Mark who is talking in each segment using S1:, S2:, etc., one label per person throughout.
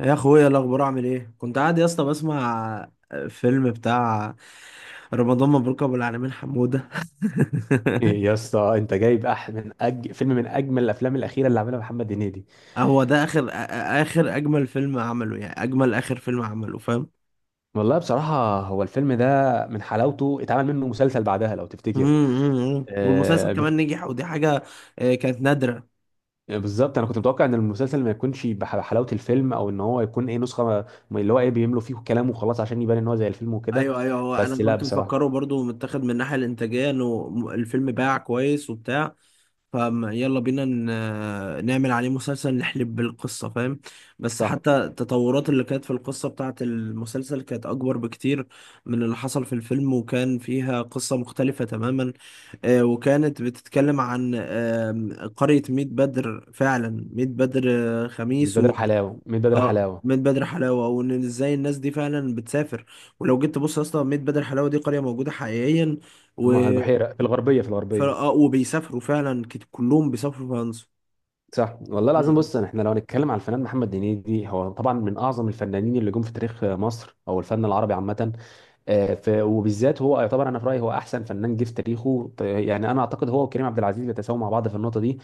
S1: يا اخويا، إيه الاخبار؟ عامل ايه؟ كنت قاعد يا اسطى بسمع فيلم بتاع رمضان مبروك ابو العالمين حمودة.
S2: يا اسطى انت جايب فيلم من اجمل الافلام الاخيره اللي عملها محمد هنيدي.
S1: هو ده اخر اجمل فيلم عمله، يعني اجمل اخر فيلم عمله، فاهم؟
S2: والله بصراحه هو الفيلم ده من حلاوته اتعمل منه مسلسل بعدها لو
S1: أمم،
S2: تفتكر.
S1: أمم، أمم. والمسلسل
S2: آه بت...
S1: كمان نجح، ودي حاجة. آه، كانت نادرة.
S2: بالظبط انا كنت متوقع ان المسلسل ما يكونش بحلاوه الفيلم او ان هو يكون ايه نسخه اللي هو ايه بيملوا فيه كلام وخلاص عشان يبان ان هو زي الفيلم وكده.
S1: ايوه، ايوه، هو انا
S2: بس لا
S1: كنت مفكره
S2: بصراحه.
S1: برضو متاخد من الناحيه الانتاجيه انه الفيلم باع كويس وبتاع. فيلا بينا نعمل عليه مسلسل، نحلب بالقصه، فاهم؟ بس
S2: صح،
S1: حتى التطورات اللي كانت في القصه بتاعه المسلسل كانت اكبر بكتير من اللي حصل في الفيلم، وكان فيها قصه مختلفه تماما. وكانت بتتكلم عن قريه ميت بدر، فعلا ميت بدر.
S2: من
S1: خميس.
S2: بدر حلاوه، من بدر
S1: اه،
S2: حلاوه.
S1: ميت بدر حلاوه، وان ازاي الناس دي فعلا بتسافر. ولو جيت تبص اصلا ميت بدر حلاوه دي قريه موجوده حقيقيا. و
S2: البحيره في الغربيه في
S1: ف...
S2: الغربيه
S1: آه وبيسافروا فعلا كلهم بيسافروا فرنسا.
S2: صح والله العظيم.
S1: مم.
S2: بص، احنا لو هنتكلم على الفنان محمد هنيدي، هو طبعا من اعظم الفنانين اللي جم في تاريخ مصر او الفن العربي عامه. وبالذات هو يعتبر، انا في رايي هو احسن فنان جه في تاريخه يعني انا اعتقد هو وكريم عبد العزيز بيتساووا مع بعض في النقطه دي.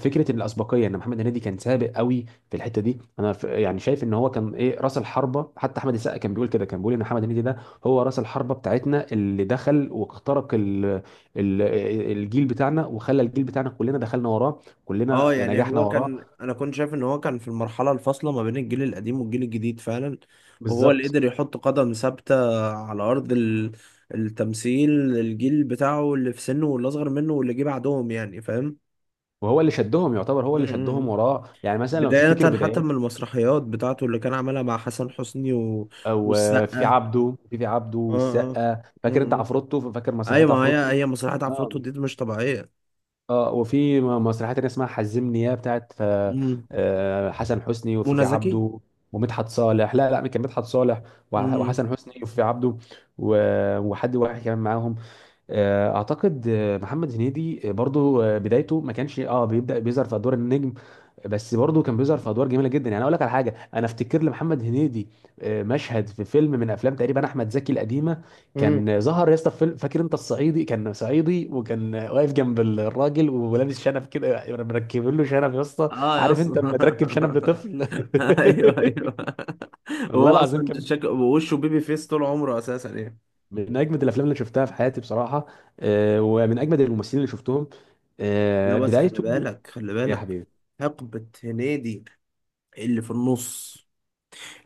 S2: فكره الاسبقيه ان محمد هنيدي كان سابق قوي في الحته دي، يعني شايف ان هو كان ايه راس الحربه. حتى احمد السقا كان بيقول كده، كان بيقول ان محمد هنيدي ده هو راس الحربه بتاعتنا اللي دخل واخترق ال ال الجيل بتاعنا، وخلى الجيل بتاعنا كلنا دخلنا وراه،
S1: اه،
S2: كلنا
S1: يعني
S2: نجحنا
S1: هو
S2: وراه.
S1: كان انا كنت شايف ان هو كان في المرحله الفاصله ما بين الجيل القديم والجيل الجديد فعلا. وهو اللي
S2: بالظبط.
S1: قدر يحط قدم ثابته على ارض التمثيل. الجيل بتاعه، اللي في سنه واللي اصغر منه واللي جه بعدهم، يعني فاهم؟
S2: وهو اللي شدهم، يعتبر هو اللي شدهم
S1: مم.
S2: وراه. يعني مثلا لو
S1: بداية
S2: تفتكر
S1: حتى
S2: بدايات،
S1: من المسرحيات بتاعته اللي كان عملها مع حسن حسني
S2: او آه، في
S1: والسقا.
S2: عبده، في عبده
S1: اه، اه.
S2: والسقا، فاكر
S1: م-
S2: انت
S1: م.
S2: عفروتو، فاكر مسرحيه
S1: ايوه، ما
S2: عفروتو.
S1: هي مسرحيات
S2: اه
S1: عفروتو دي مش طبيعية.
S2: اه. وفي مسرحيه تانيه اسمها حزمني يا بتاعت
S1: م.
S2: حسن حسني وفي
S1: منى
S2: في
S1: زكي.
S2: عبده ومدحت صالح. لا لا، كان مدحت صالح،
S1: م.
S2: وحسن حسني وفي عبده، وحد واحد كمان معاهم. آه، اعتقد آه، محمد هنيدي آه، برضو آه، بدايته ما كانش اه بيبدا بيظهر في ادوار النجم، بس برضو كان بيظهر في ادوار جميله جدا. يعني اقول لك على حاجه، انا افتكر لمحمد هنيدي آه، مشهد في فيلم من افلام تقريبا احمد زكي القديمه.
S1: امم.
S2: كان ظهر يا اسطى في فيلم، فاكر انت الصعيدي، كان صعيدي وكان واقف جنب الراجل ولابس شنب كده، مركبين له شنب يا اسطى.
S1: اه يا
S2: عارف انت
S1: اصلا.
S2: لما تركب شنب لطفل
S1: ايوه، ايوه.
S2: والله
S1: هو
S2: العظيم،
S1: اصلا
S2: كان
S1: شكله وشه بيبي فيس طول عمره اساسا يعني.
S2: من اجمد الافلام اللي شفتها في حياتي بصراحه، آه، ومن اجمد الممثلين اللي شفتهم
S1: لا،
S2: آه،
S1: بس خلي
S2: بدايته.
S1: بالك خلي
S2: يا
S1: بالك.
S2: حبيبي.
S1: حقبة هنيدي اللي في النص،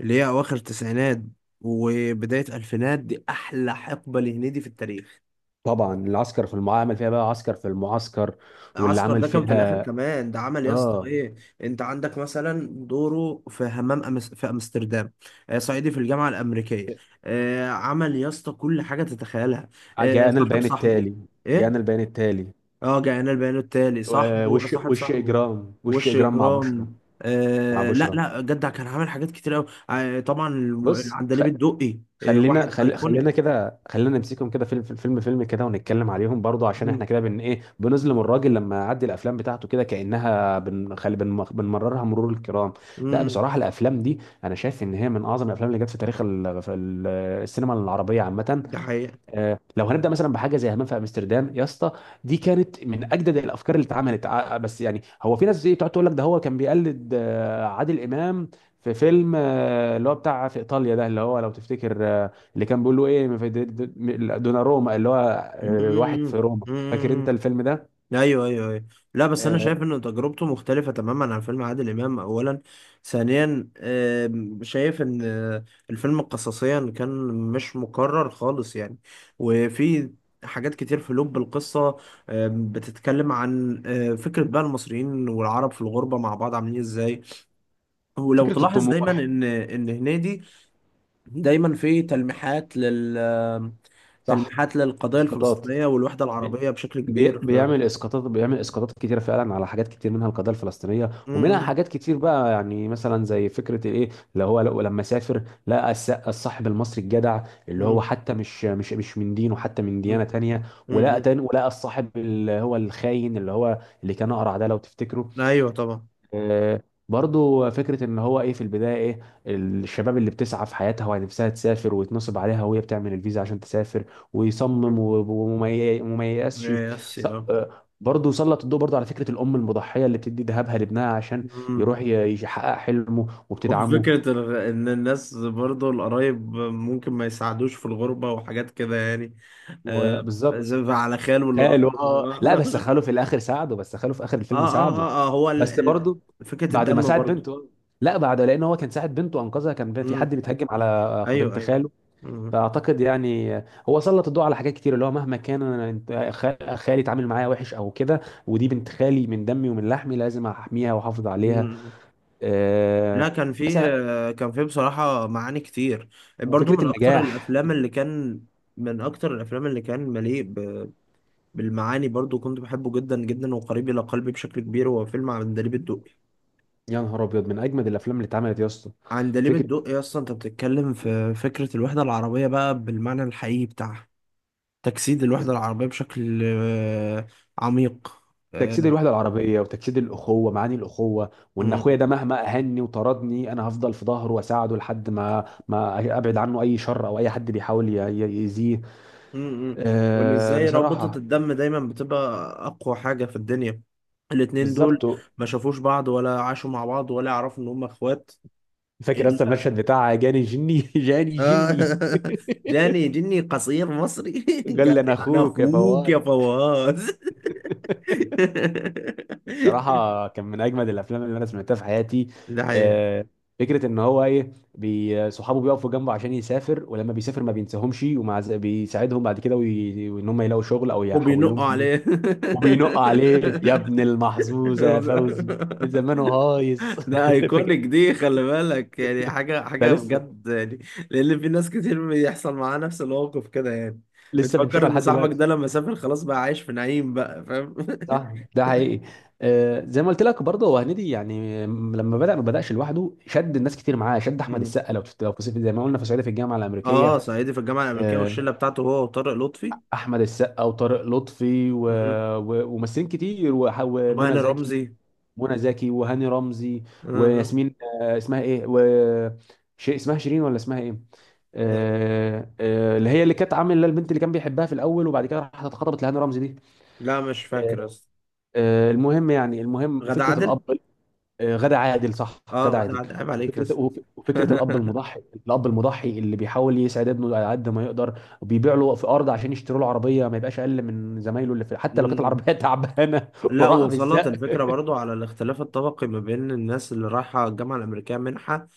S1: اللي هي اواخر تسعينات وبدايه الفينات، دي احلى حقبه لهنيدي في التاريخ.
S2: طبعا العسكر في المعسكر، عمل فيها بقى عسكر في المعسكر، واللي
S1: عسكر
S2: عمل
S1: ده كان في الاخر
S2: فيها
S1: كمان. ده عمل يا اسطى
S2: اه
S1: ايه؟ انت عندك مثلا دوره في همام أمس في امستردام. صعيدي في الجامعه الامريكيه. عمل يا اسطى كل حاجه تتخيلها.
S2: جاءنا
S1: صاحب
S2: البيان
S1: صاحبه.
S2: التالي. جاءنا
S1: ايه.
S2: البيان التالي،
S1: اه، جاءنا البيان التالي، صاحبه،
S2: وش،
S1: صاحب
S2: وش
S1: صاحبه.
S2: اجرام وش
S1: وش
S2: اجرام مع بشرى،
S1: جرام.
S2: مع
S1: آه، لا،
S2: بشرى.
S1: لا، جدع كان عامل حاجات كتير قوي. آه طبعا،
S2: بص خ-
S1: العندليب الدقي،
S2: خلينا،
S1: واحد
S2: خلينا
S1: ايكونيك.
S2: كده، خلينا نمسكهم كده فيلم فيلم فيلم كده ونتكلم عليهم برضو، عشان احنا كده بن ايه بنظلم الراجل، لما يعدي الافلام بتاعته كده كانها بنمررها مرور الكرام. لا
S1: امم.
S2: بصراحه، الافلام دي انا شايف ان هي من اعظم الافلام اللي جت في تاريخ السينما العربيه عامه.
S1: ده حقيقة.
S2: آه، لو هنبدا مثلا بحاجه زي همام في امستردام يا اسطى، دي كانت من اجدد الافكار اللي اتعملت. بس يعني هو في ناس ايه بتقعد تقول لك ده هو كان بيقلد آه، عادل امام في فيلم آه، اللي هو بتاع في ايطاليا ده، اللي هو لو تفتكر آه، اللي كان بيقول له ايه في دوناروما، اللي هو آه، واحد في
S1: امم،
S2: روما. فاكر
S1: امم.
S2: انت الفيلم ده؟
S1: ايوه، ايوه، ايوه. لا، بس انا
S2: آه،
S1: شايف ان تجربته مختلفة تماما عن فيلم عادل امام اولا. ثانيا، شايف ان الفيلم قصصيا كان مش مكرر خالص يعني. وفي حاجات كتير في لب القصة، بتتكلم عن فكرة بقى المصريين والعرب في الغربة مع بعض عاملين ازاي. ولو
S2: فكره
S1: تلاحظ دايما
S2: الطموح.
S1: ان هنيدي دايما في تلميحات
S2: صح.
S1: تلميحات للقضية
S2: اسقاطات،
S1: الفلسطينية والوحدة
S2: بي-
S1: العربية بشكل كبير في...
S2: بيعمل اسقاطات، بيعمل اسقاطات كتيره فعلا على حاجات كتير، منها القضيه الفلسطينيه ومنها
S1: مم.
S2: حاجات كتير بقى. يعني مثلا زي فكره الايه اللي هو لو لما سافر، لقى الصاحب المصري الجدع اللي هو
S1: مم.
S2: حتى مش من دينه، حتى من ديانه
S1: مم.
S2: تانية. ولقى
S1: مم.
S2: تاني، ولقى الصاحب اللي هو الخاين، اللي هو اللي كان اقرع ده لو تفتكروا.
S1: ايوه طبعا.
S2: آه، برضو فكرة ان هو ايه في البداية، ايه الشباب اللي بتسعى في حياتها ونفسها تسافر، ويتنصب عليها وهي بتعمل الفيزا عشان تسافر، ويصمم
S1: مم.
S2: وما ييأسش.
S1: يس
S2: ص-
S1: يا.
S2: آه، برضو سلط الضوء برضو على فكرة الأم المضحية اللي بتدي ذهبها لابنها عشان
S1: مم.
S2: يروح يحقق حلمه وبتدعمه.
S1: وفكرة إن الناس برضو القرايب ممكن ما يساعدوش في الغربة، وحاجات كده يعني.
S2: وبالظبط.
S1: زي على خاله اللي راح
S2: خاله اه لا بس
S1: له.
S2: خاله في الآخر ساعده، بس خاله في آخر
S1: آه،
S2: الفيلم
S1: آه،
S2: ساعده.
S1: آه، آه، هو
S2: بس برضو
S1: فكرة
S2: بعد ما
S1: الدم
S2: ساعد
S1: برضو.
S2: بنته. لا بعد، لأن هو كان ساعد بنته، أنقذها، كان في حد
S1: مم.
S2: بيتهجم على
S1: أيوه،
S2: بنت
S1: أيوه.
S2: خاله.
S1: مم.
S2: فاعتقد يعني هو سلط الضوء على حاجات كتير، اللي هو مهما كان انا خالي اتعامل معايا وحش او كده، ودي بنت خالي، من دمي ومن لحمي، لازم احميها واحافظ عليها.
S1: مم. لا،
S2: آه،
S1: كان فيه
S2: مثلا.
S1: كان فيه بصراحة معاني كتير. برضو
S2: وفكره النجاح.
S1: من أكتر الأفلام اللي كان مليء بالمعاني، برضو كنت بحبه جدا جدا وقريب إلى قلبي بشكل كبير. هو فيلم عندليب الدقي.
S2: يا نهار ابيض، من اجمد الافلام اللي اتعملت يا اسطى.
S1: عندليب
S2: فكره
S1: الدقي أصلا أنت بتتكلم في فكرة الوحدة العربية بقى بالمعنى الحقيقي بتاعها. تجسيد الوحدة العربية بشكل عميق.
S2: تجسيد الوحده العربيه، وتجسيد الاخوه، معاني الاخوه، وان
S1: آه،
S2: اخويا ده مهما اهني وطردني انا هفضل في ظهره واساعده لحد ما ما ابعد عنه اي شر او اي حد بيحاول يأذيه.
S1: امم. وان
S2: آه
S1: ازاي رابطة
S2: بصراحه.
S1: الدم دايما بتبقى اقوى حاجة في الدنيا. الاتنين دول
S2: بالظبط.
S1: ما شافوش بعض ولا عاشوا مع بعض ولا يعرفوا ان هم اخوات.
S2: فاكر اصلا
S1: الا.
S2: المشهد بتاع جاني جني جاني جني
S1: جاني جني قصير مصري.
S2: قال
S1: قال
S2: لي انا
S1: لي انا
S2: اخوك يا
S1: اخوك يا
S2: فواز.
S1: فواز.
S2: صراحة كان من أجمد الأفلام اللي أنا سمعتها في حياتي.
S1: ده حقيقة.
S2: آه، فكرة إن هو إيه صحابه بيقفوا جنبه عشان يسافر، ولما بيسافر ما بينساهمش، بيساعدهم بعد كده، وإن هم يلاقوا شغل أو يحول لهم
S1: وبينقوا
S2: فلوس.
S1: عليه.
S2: وبينق عليه يا ابن المحظوظة يا فوزي، ده زمانه هايص
S1: ده ايكونيك،
S2: فاكر؟
S1: دي خلي بالك يعني حاجه
S2: ده
S1: حاجه
S2: لسه،
S1: بجد يعني. لان في ناس كتير بيحصل معاها نفس الموقف كده يعني.
S2: لسه
S1: بتفكر
S2: بنشوفها
S1: ان
S2: لحد
S1: صاحبك
S2: دلوقتي.
S1: ده لما سافر خلاص بقى عايش في نعيم بقى، فاهم؟
S2: صح، ده حقيقي. آه، زي ما قلت لك برضه، هو هنيدي يعني لما بدأ ما بدأش لوحده، شد الناس كتير معاه، شد احمد
S1: مم.
S2: السقا لو في زي ما قلنا في صعيدي في الجامعه
S1: اه،
S2: الامريكيه.
S1: صعيدي في الجامعه الامريكيه
S2: آه،
S1: والشله بتاعته هو وطارق لطفي.
S2: احمد السقا وطارق لطفي
S1: مم.
S2: وممثلين كتير، ومنى
S1: وهاني
S2: زكي.
S1: رمزي.
S2: منى زكي وهاني رمزي
S1: آه.
S2: وياسمين، آه، اسمها ايه، و شيء اسمها شيرين ولا اسمها ايه،
S1: آه.
S2: آه، آه، اللي هي اللي كانت عامله البنت اللي كان بيحبها في الاول، وبعد كده راحت اتخطبت لهاني رمزي دي.
S1: لا، مش فاكر اصلا.
S2: آه، المهم يعني، المهم
S1: غادة
S2: وفكره الاب.
S1: عادل.
S2: آه، غادة عادل، صح
S1: اه،
S2: غادة
S1: غادة
S2: عادل.
S1: عادل، عيب عليك يا
S2: وفكره
S1: اسطى.
S2: وفكره الاب المضحي، الاب المضحي اللي بيحاول يسعد ابنه على قد ما يقدر، وبيبيع له في ارض عشان يشتروا له عربيه ما يبقاش اقل من زمايله اللي في، حتى لو كانت العربيه تعبانه.
S1: لا،
S2: وراح
S1: وصلت
S2: بالزق.
S1: الفكرة برضو على الاختلاف الطبقي ما بين الناس اللي رايحة الجامعة الأمريكية منحة،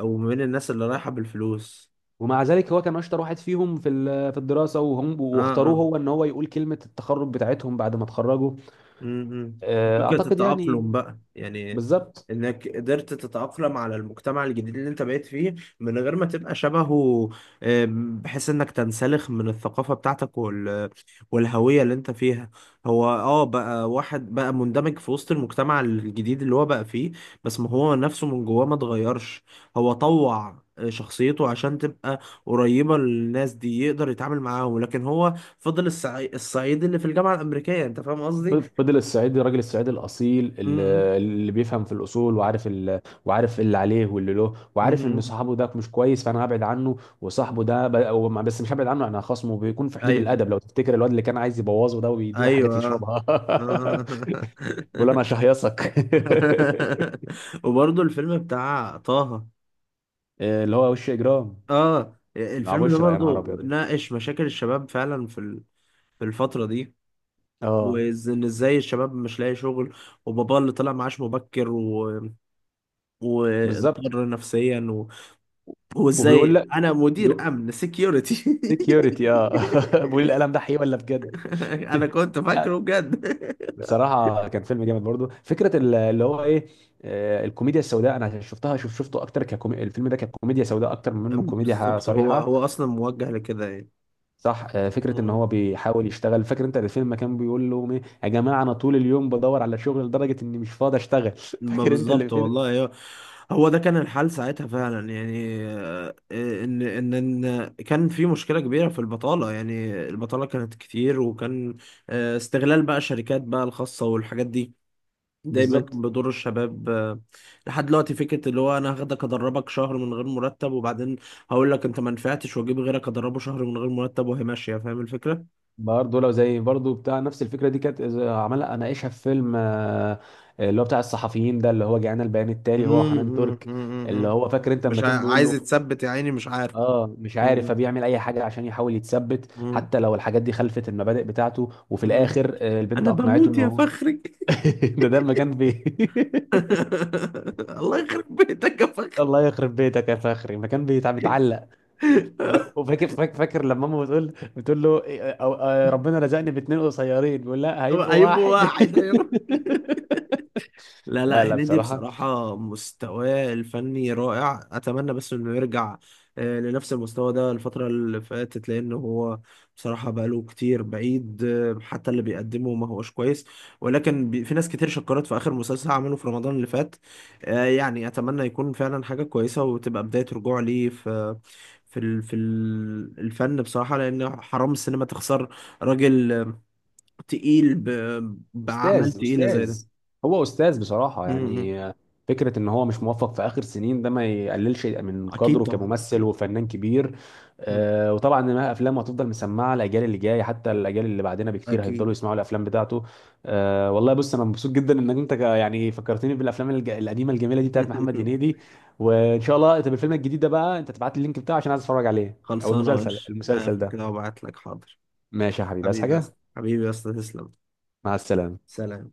S1: وما بين الناس اللي رايحة بالفلوس.
S2: ومع ذلك هو كان اشطر واحد فيهم في في الدراسه، وهم
S1: اه،
S2: واختاروه
S1: اه.
S2: هو ان هو يقول كلمه التخرج بتاعتهم بعد ما اتخرجوا.
S1: امم.
S2: آه،
S1: فكرة
S2: اعتقد
S1: التأقلم
S2: يعني،
S1: بقى يعني.
S2: بالظبط.
S1: انك قدرت تتأقلم على المجتمع الجديد اللي انت بقيت فيه من غير ما تبقى شبهه. بحيث انك تنسلخ من الثقافة بتاعتك والهوية اللي انت فيها. هو بقى واحد بقى مندمج في وسط المجتمع الجديد اللي هو بقى فيه. بس ما هو نفسه من جواه ما اتغيرش. هو طوع شخصيته عشان تبقى قريبة للناس دي يقدر يتعامل معاهم، لكن هو فضل الصعيد اللي في الجامعة الأمريكية، انت فاهم قصدي؟
S2: فضل الصعيدي، الراجل الصعيدي الاصيل اللي،
S1: امم.
S2: اللي بيفهم في الاصول، وعارف وعارف اللي عليه واللي له، وعارف ان
S1: امم.
S2: صاحبه ده مش كويس فانا هبعد عنه، وصاحبه ده ب... هو بس مش هبعد عنه، انا خصمه بيكون في حدود
S1: ايوه،
S2: الادب. لو تفتكر الواد اللي كان عايز يبوظه ده ويديله حاجات
S1: ايوه. آه.
S2: يشربها
S1: آه.
S2: بيقول انا شهيصك
S1: وبرضه الفيلم بتاع طه.
S2: اللي هو وش اجرام
S1: اه،
S2: مع
S1: الفيلم ده
S2: بشرى، يا نهار
S1: برضه
S2: ابيض
S1: ناقش مشاكل الشباب فعلا في الفترة دي.
S2: اه.
S1: وان ازاي الشباب مش لاقي شغل. وباباه اللي طلع معاش مبكر
S2: بالظبط.
S1: واضطر نفسيا
S2: وبيقول
S1: وازاي
S2: لا
S1: انا مدير امن سكيورتي.
S2: سكيورتي اه بيقول القلم ده حقيقي ولا بجد
S1: انا كنت
S2: لا
S1: فاكره بجد.
S2: بصراحة كان فيلم جامد. برضو فكرة اللي هو ايه آه، الكوميديا السوداء، انا شفتها، شفته اكتر الفيلم ده ككوميديا سوداء اكتر من منه كوميديا
S1: بالظبط، هو
S2: صريحة.
S1: هو اصلا موجه لكده يعني.
S2: صح. آه، فكرة ان
S1: مم.
S2: هو بيحاول يشتغل، فاكر انت الفيلم كان بيقول لهم ايه يا جماعة، انا طول اليوم بدور على شغل لدرجة اني مش فاضي اشتغل
S1: ما
S2: فاكر انت اللي
S1: بالظبط
S2: في ده؟
S1: والله. هو هو ده كان الحال ساعتها فعلا يعني، ان ان كان في مشكله كبيره في البطاله، يعني البطاله كانت كتير، وكان استغلال بقى الشركات بقى الخاصه والحاجات دي دايما كان
S2: بالظبط.
S1: بيضر الشباب، لحد دلوقتي فكره اللي هو انا هاخدك ادربك شهر من غير مرتب، وبعدين هقول لك انت ما نفعتش، واجيب غيرك ادربه شهر من غير مرتب، وهي ماشيه، فاهم الفكره؟
S2: برضه لو زي برضه بتاع نفس الفكرة دي كانت إذا عملها اناقشها في فيلم آه، اللي هو بتاع الصحفيين ده، اللي هو جاءنا البيان التالي هو
S1: امم،
S2: وحنان
S1: امم،
S2: ترك.
S1: امم،
S2: اللي هو فاكر انت
S1: مش
S2: لما كان بيقول
S1: عايز
S2: له
S1: يتثبت يا عيني، مش عارف.
S2: اه مش عارف،
S1: امم،
S2: فبيعمل اي حاجه عشان يحاول يتثبت،
S1: امم،
S2: حتى لو الحاجات دي خلفت المبادئ بتاعته، وفي
S1: امم.
S2: الاخر آه، البنت
S1: انا
S2: اقنعته
S1: بموت
S2: ان
S1: يا
S2: هو
S1: فخري!
S2: ده ده مكان بي
S1: الله يخرب بيتك يا فخري!
S2: الله يخرب بيتك يا فخري، مكان بيتعلق وفاكر، فاكر، فاكر لما ماما بتقول، بتقول له إيه، ربنا رزقني باتنين قصيرين، بيقول لا هيبقوا
S1: ايوب
S2: واحد
S1: واحد. لا،
S2: لا
S1: لا،
S2: لا
S1: هنيدي
S2: بصراحه،
S1: بصراحة مستواه الفني رائع، أتمنى بس إنه يرجع لنفس المستوى ده. الفترة اللي فاتت لأن هو بصراحة بقاله كتير بعيد، حتى اللي بيقدمه ما هوش كويس. ولكن في ناس كتير شكرت في آخر مسلسل عمله في رمضان اللي فات. يعني أتمنى يكون فعلا حاجة كويسة وتبقى بداية رجوع ليه في الفن بصراحة، لأن حرام السينما تخسر راجل تقيل بأعمال
S2: استاذ،
S1: تقيلة زي ده.
S2: استاذ، هو استاذ بصراحه.
S1: م- م.
S2: يعني فكره ان هو مش موفق في اخر سنين ده، ما يقللش من
S1: اكيد
S2: قدره
S1: طبعا
S2: كممثل
S1: اكيد.
S2: وفنان كبير.
S1: مم.
S2: آه. وطبعا ما افلامه هتفضل مسمعه الاجيال اللي جايه، حتى الاجيال اللي بعدنا بكتير هيفضلوا
S1: اكيد.
S2: يسمعوا الافلام بتاعته. آه والله. بص انا مبسوط جدا انك انت يعني فكرتني بالافلام القديمه الجميله دي بتاعت محمد هنيدي. وان شاء الله، طب الفيلم الجديد ده بقى انت تبعت لي اللينك بتاعه عشان عايز اتفرج عليه، او
S1: خلصانه،
S2: المسلسل،
S1: ماشي،
S2: المسلسل
S1: هقفل كده
S2: ده.
S1: وابعت لك، حاضر.
S2: ماشي يا حبيبي، عايز
S1: حبيبي يا
S2: حاجه؟
S1: اسطى، حبيبي يا اسطى، تسلم.
S2: مع السلامه.
S1: سلام.